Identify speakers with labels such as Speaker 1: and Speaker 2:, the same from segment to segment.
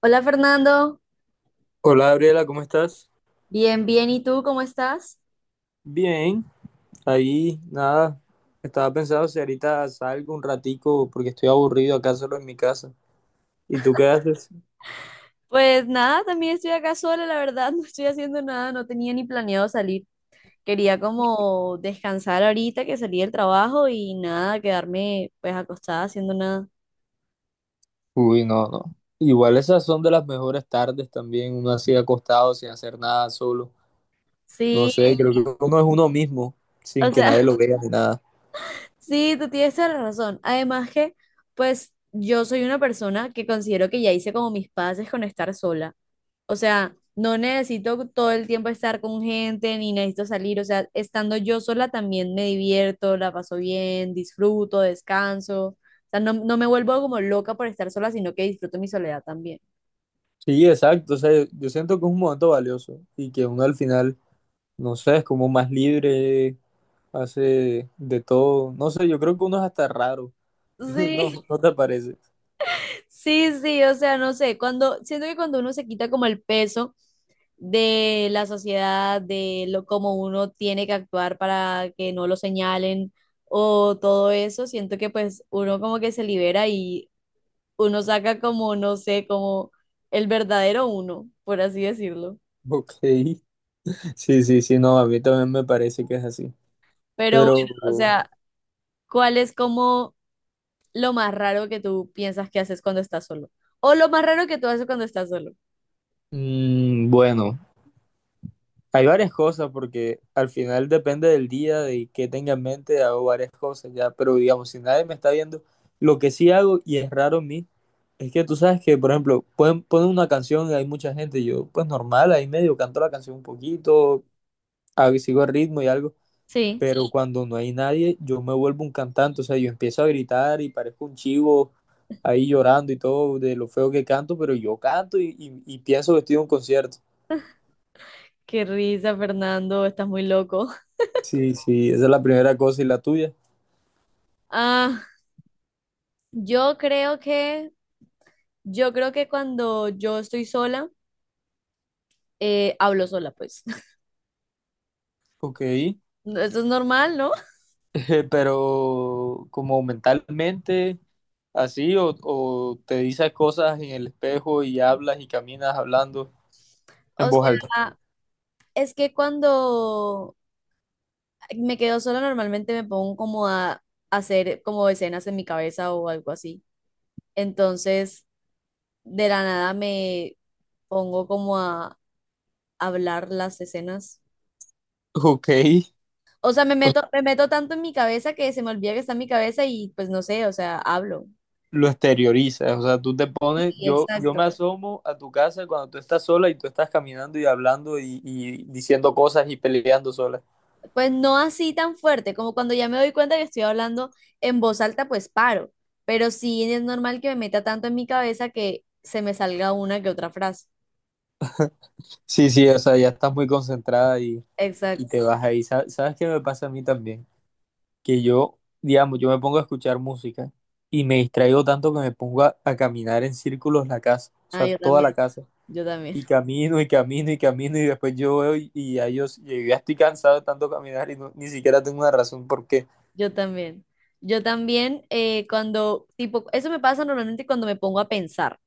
Speaker 1: Hola Fernando,
Speaker 2: Hola Gabriela, ¿cómo estás?
Speaker 1: bien, bien, ¿y tú cómo estás?
Speaker 2: Bien, ahí nada, estaba pensando si ahorita salgo un ratico porque estoy aburrido acá solo en mi casa. ¿Y tú qué haces?
Speaker 1: Pues nada, también estoy acá sola, la verdad, no estoy haciendo nada, no tenía ni planeado salir. Quería como descansar ahorita que salí del trabajo y nada, quedarme pues acostada haciendo nada.
Speaker 2: Uy, no, no. Igual esas son de las mejores tardes también, uno así acostado sin hacer nada solo. No
Speaker 1: Sí,
Speaker 2: sé, creo que uno es uno mismo,
Speaker 1: o
Speaker 2: sin que
Speaker 1: sea,
Speaker 2: nadie lo vea ni nada.
Speaker 1: sí, tú tienes toda la razón. Además que pues yo soy una persona que considero que ya hice como mis paces con estar sola. O sea, no necesito todo el tiempo estar con gente, ni necesito salir. O sea, estando yo sola también me divierto, la paso bien, disfruto, descanso. O sea, no, no me vuelvo como loca por estar sola, sino que disfruto mi soledad también.
Speaker 2: Sí, exacto, o sea, yo siento que es un momento valioso y que uno al final, no sé, es como más libre, hace de todo. No sé, yo creo que uno es hasta raro. No,
Speaker 1: Sí,
Speaker 2: ¿no te parece?
Speaker 1: sí, o sea, no sé, cuando, siento que cuando uno se quita como el peso de la sociedad, de lo como uno tiene que actuar para que no lo señalen o todo eso, siento que pues uno como que se libera y uno saca como, no sé, como el verdadero uno, por así decirlo.
Speaker 2: Ok, sí, sí, sí, no, a mí también me parece que es así.
Speaker 1: Pero
Speaker 2: Pero
Speaker 1: bueno, o sea, ¿cuál es como lo más raro que tú piensas que haces cuando estás solo? O lo más raro que tú haces cuando estás solo.
Speaker 2: bueno, hay varias cosas porque al final depende del día, de qué tenga en mente, hago varias cosas ya, pero digamos, si nadie me está viendo, lo que sí hago, y es raro en mí, es que tú sabes que, por ejemplo, pueden poner una canción y hay mucha gente, yo pues normal, ahí medio canto la canción un poquito, sigo el ritmo y algo,
Speaker 1: Sí.
Speaker 2: pero cuando no hay nadie, yo me vuelvo un cantante, o sea, yo empiezo a gritar y parezco un chivo ahí llorando y todo de lo feo que canto, pero yo canto y pienso que estoy en un concierto.
Speaker 1: Qué risa, Fernando, estás muy loco.
Speaker 2: Sí, sí, esa es la primera cosa y la tuya.
Speaker 1: Ah, yo creo que, yo creo que cuando yo estoy sola, hablo sola, pues.
Speaker 2: Ok,
Speaker 1: Eso es normal, ¿no?
Speaker 2: pero como mentalmente, así, o te dices cosas en el espejo y hablas y caminas hablando en
Speaker 1: O
Speaker 2: voz alta.
Speaker 1: sea, es que cuando me quedo sola, normalmente me pongo como a hacer como escenas en mi cabeza o algo así. Entonces, de la nada me pongo como a hablar las escenas.
Speaker 2: Ok,
Speaker 1: O sea, me meto tanto en mi cabeza que se me olvida que está en mi cabeza y pues no sé, o sea, hablo.
Speaker 2: lo exteriorizas, o sea, tú te
Speaker 1: Sí,
Speaker 2: pones, yo me
Speaker 1: exacto.
Speaker 2: asomo a tu casa cuando tú estás sola y tú estás caminando y hablando y diciendo cosas y peleando sola.
Speaker 1: Pues no así tan fuerte, como cuando ya me doy cuenta que estoy hablando en voz alta, pues paro. Pero sí es normal que me meta tanto en mi cabeza que se me salga una que otra frase.
Speaker 2: Sí, sí, o sea, ya estás muy concentrada y te
Speaker 1: Exacto.
Speaker 2: vas ahí. ¿Sabes qué me pasa a mí también? Que yo, digamos, yo me pongo a escuchar música y me distraigo tanto que me pongo a caminar en círculos la casa, o
Speaker 1: Ah,
Speaker 2: sea,
Speaker 1: yo
Speaker 2: toda
Speaker 1: también,
Speaker 2: la casa.
Speaker 1: yo también.
Speaker 2: Y camino y camino y camino y después yo veo y ya yo ya estoy cansado de tanto caminar y ni siquiera tengo una razón por qué.
Speaker 1: Yo también. Yo también, cuando, tipo, eso me pasa normalmente cuando me pongo a pensar.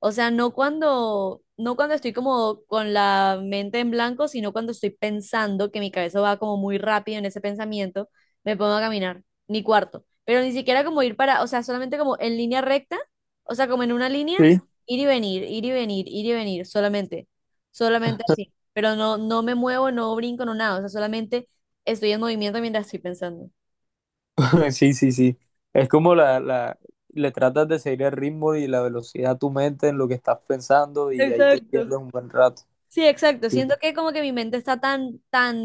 Speaker 1: O sea, no cuando estoy como con la mente en blanco, sino cuando estoy pensando que mi cabeza va como muy rápido en ese pensamiento, me pongo a caminar, mi cuarto. Pero ni siquiera como ir para, o sea, solamente como en línea recta, o sea, como en una línea,
Speaker 2: Sí,
Speaker 1: ir y venir, ir y venir, ir y venir, solamente así. Pero no, no me muevo, no brinco, no nada, o sea, solamente estoy en movimiento mientras estoy pensando.
Speaker 2: sí, sí, sí. Es como le tratas de seguir el ritmo y la velocidad a tu mente en lo que estás pensando y ahí te
Speaker 1: Exacto.
Speaker 2: pierdes un buen rato.
Speaker 1: Sí, exacto. Siento que como que mi mente está tan,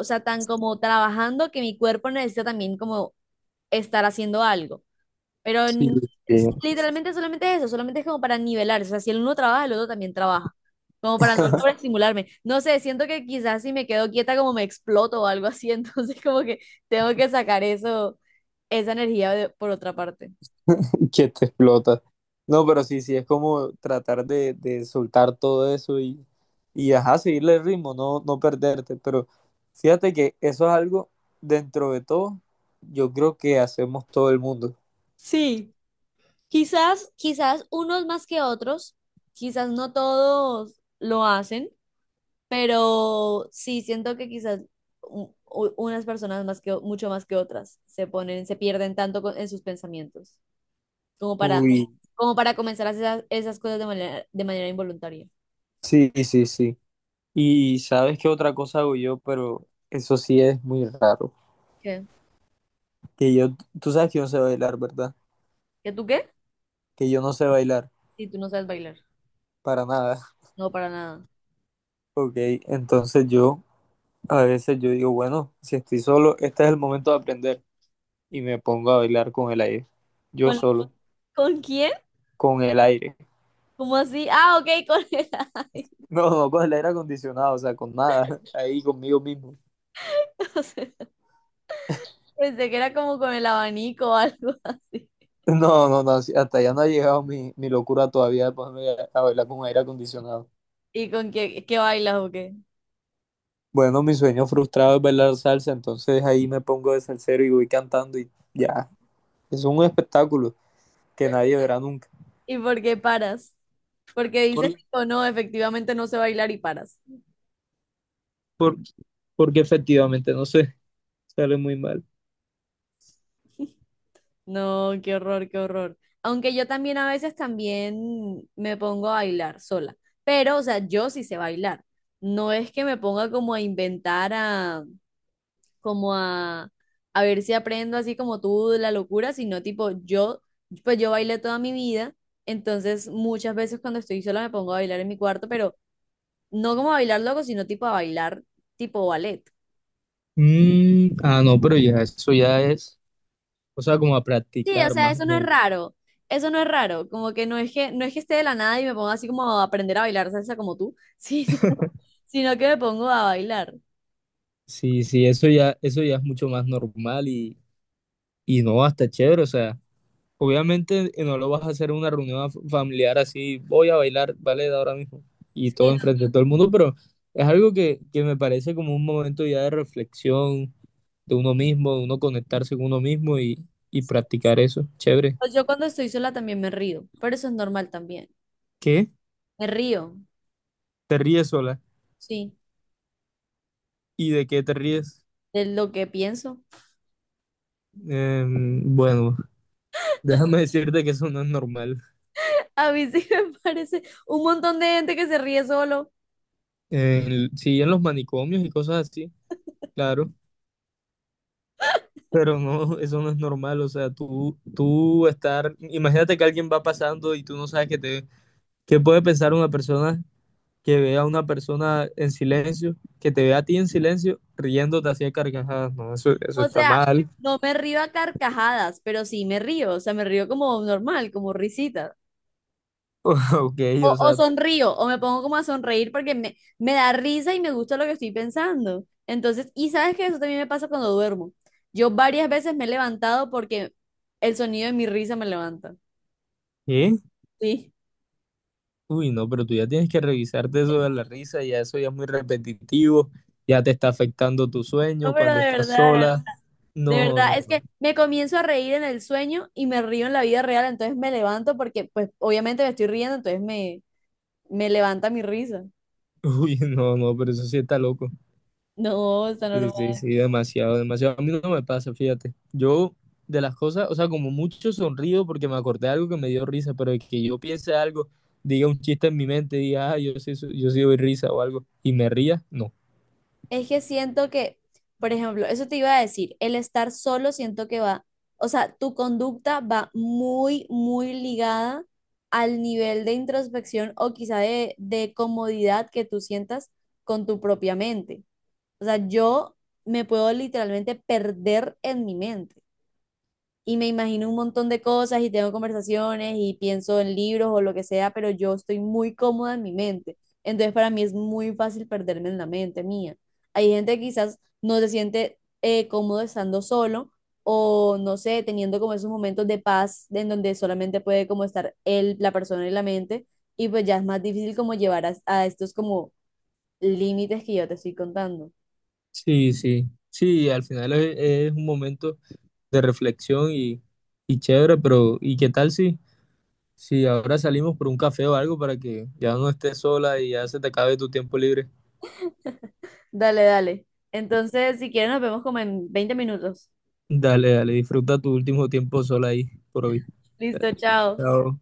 Speaker 1: o sea, tan como trabajando que mi cuerpo necesita también como estar haciendo algo. Pero
Speaker 2: Sí, sí.
Speaker 1: literalmente solamente es eso, solamente es como para nivelar. O sea, si el uno trabaja, el otro también trabaja. Como para no sobreestimularme. No sé, siento que quizás si me quedo quieta como me exploto o algo así. Entonces como que tengo que sacar eso, esa energía de- por otra parte.
Speaker 2: Que te explota. No, pero sí, sí, es como tratar de soltar todo eso y ajá, seguirle el ritmo, no, no perderte. Pero fíjate que eso es algo dentro de todo, yo creo que hacemos todo el mundo.
Speaker 1: Sí. Quizás, quizás unos más que otros, quizás no todos lo hacen, pero sí siento que quizás unas personas más que, o- mucho más que otras se ponen, se pierden tanto en sus pensamientos, como para,
Speaker 2: Uy,
Speaker 1: como para comenzar a hacer esas, esas cosas de manera involuntaria.
Speaker 2: sí, sí, sí. Y sabes qué otra cosa hago yo, pero eso sí es muy raro.
Speaker 1: ¿Qué?
Speaker 2: Que yo, tú sabes que yo no sé bailar, ¿verdad?
Speaker 1: ¿Que tú qué?
Speaker 2: Que yo no sé bailar
Speaker 1: Si tú no sabes bailar.
Speaker 2: para nada.
Speaker 1: No, para nada.
Speaker 2: Ok, entonces yo a veces yo digo, bueno, si estoy solo, este es el momento de aprender. Y me pongo a bailar con el aire. Yo
Speaker 1: ¿Con,
Speaker 2: solo,
Speaker 1: con quién?
Speaker 2: con el aire.
Speaker 1: ¿Cómo así? Ah, ok, con el... ay,
Speaker 2: No, no con el aire acondicionado, o sea, con nada. Ahí conmigo mismo.
Speaker 1: o sea, pensé que era como con el abanico o algo así.
Speaker 2: No, no, no, sí, hasta ya no ha llegado mi locura todavía de ponerme a bailar con aire acondicionado.
Speaker 1: ¿Y con qué, qué bailas o qué?
Speaker 2: Bueno, mi sueño frustrado es bailar salsa, entonces ahí me pongo de salsero y voy cantando y ya, es un espectáculo que nadie verá nunca.
Speaker 1: ¿Y por qué paras? Porque dices,
Speaker 2: Por-
Speaker 1: tipo, no, efectivamente no sé bailar y paras.
Speaker 2: por- porque efectivamente, no sé, sale muy mal.
Speaker 1: No, qué horror, qué horror. Aunque yo también a veces también me pongo a bailar sola. Pero, o sea, yo sí sé bailar. No es que me ponga como a inventar, a, como a ver si aprendo así como tú de la locura, sino tipo, yo, pues yo bailé toda mi vida. Entonces, muchas veces cuando estoy sola me pongo a bailar en mi cuarto, pero no como a bailar loco, sino tipo a bailar tipo ballet.
Speaker 2: Mm, ah, no, pero ya eso ya es, o sea, como a
Speaker 1: Sí, o
Speaker 2: practicar
Speaker 1: sea,
Speaker 2: más o
Speaker 1: eso no es
Speaker 2: menos.
Speaker 1: raro. Eso no es raro. Como que no es que esté de la nada y me ponga así como a aprender a bailar salsa como tú, sino, sino que me pongo a bailar.
Speaker 2: Sí, sí, eso ya es mucho más normal y no, hasta chévere, o sea. Obviamente no lo vas a hacer en una reunión familiar así, voy a bailar ballet ahora mismo y todo
Speaker 1: Sí, no.
Speaker 2: enfrente de todo el mundo, pero es algo que me parece como un momento ya de reflexión de uno mismo, de uno conectarse con uno mismo y practicar eso. Chévere.
Speaker 1: Pues yo cuando estoy sola también me río, pero eso es normal también.
Speaker 2: ¿Qué?
Speaker 1: Me río,
Speaker 2: ¿Te ríes sola?
Speaker 1: sí,
Speaker 2: ¿Y de qué te ríes?
Speaker 1: de lo que pienso.
Speaker 2: Bueno, déjame decirte que eso no es normal.
Speaker 1: A mí sí me parece un montón de gente que se ríe solo.
Speaker 2: Sí, en los manicomios y cosas así, claro. Pero no, eso no es normal, o sea, tú estar, imagínate que alguien va pasando y tú no sabes qué te, qué puede pensar una persona que vea a una persona en silencio, que te vea a ti en silencio, riéndote así a carcajadas, no, eso
Speaker 1: O
Speaker 2: está
Speaker 1: sea,
Speaker 2: mal,
Speaker 1: no me río a carcajadas, pero sí me río. O sea, me río como normal, como risitas.
Speaker 2: ok,
Speaker 1: O,
Speaker 2: o
Speaker 1: o
Speaker 2: sea,
Speaker 1: sonrío, o me pongo como a sonreír porque me da risa y me gusta lo que estoy pensando. Entonces, y sabes que eso también me pasa cuando duermo. Yo varias veces me he levantado porque el sonido de mi risa me levanta.
Speaker 2: ¿qué?
Speaker 1: Sí.
Speaker 2: Uy, no, pero tú ya tienes que revisarte eso de la risa, ya eso ya es muy repetitivo, ya te está afectando tu sueño
Speaker 1: No, pero
Speaker 2: cuando
Speaker 1: de
Speaker 2: estás
Speaker 1: verdad, de verdad,
Speaker 2: sola,
Speaker 1: de
Speaker 2: no, no,
Speaker 1: verdad, es
Speaker 2: no,
Speaker 1: que me comienzo a reír en el sueño y me río en la vida real, entonces me levanto porque pues obviamente me estoy riendo, entonces me levanta mi risa.
Speaker 2: uy, no, no, pero eso sí está loco.
Speaker 1: No, está
Speaker 2: Sí,
Speaker 1: normal.
Speaker 2: sí, sí, demasiado, demasiado. A mí no me pasa, fíjate. Yo, de las cosas, o sea, como mucho sonrío porque me acordé de algo que me dio risa, pero de que yo piense algo, diga un chiste en mi mente, diga, ah, yo sí, yo sí doy risa o algo, y me ría, no.
Speaker 1: Es que siento que, por ejemplo, eso te iba a decir, el estar solo siento que va, o sea, tu conducta va muy ligada al nivel de introspección o quizá de comodidad que tú sientas con tu propia mente. O sea, yo me puedo literalmente perder en mi mente y me imagino un montón de cosas y tengo conversaciones y pienso en libros o lo que sea, pero yo estoy muy cómoda en mi mente. Entonces para mí es muy fácil perderme en la mente mía. Hay gente que quizás no se siente cómodo estando solo o no sé, teniendo como esos momentos de paz en donde solamente puede como estar él, la persona y la mente y pues ya es más difícil como llevar a estos como límites que yo te estoy contando.
Speaker 2: Sí, sí, sí, al final es un momento de reflexión y chévere, pero ¿y qué tal si, si ahora salimos por un café o algo para que ya no estés sola y ya se te acabe tu tiempo libre?
Speaker 1: Dale, dale. Entonces, si quieren, nos vemos como en 20 minutos.
Speaker 2: Dale, dale, disfruta tu último tiempo sola ahí, por hoy. Dale.
Speaker 1: Listo, chao.
Speaker 2: Chao.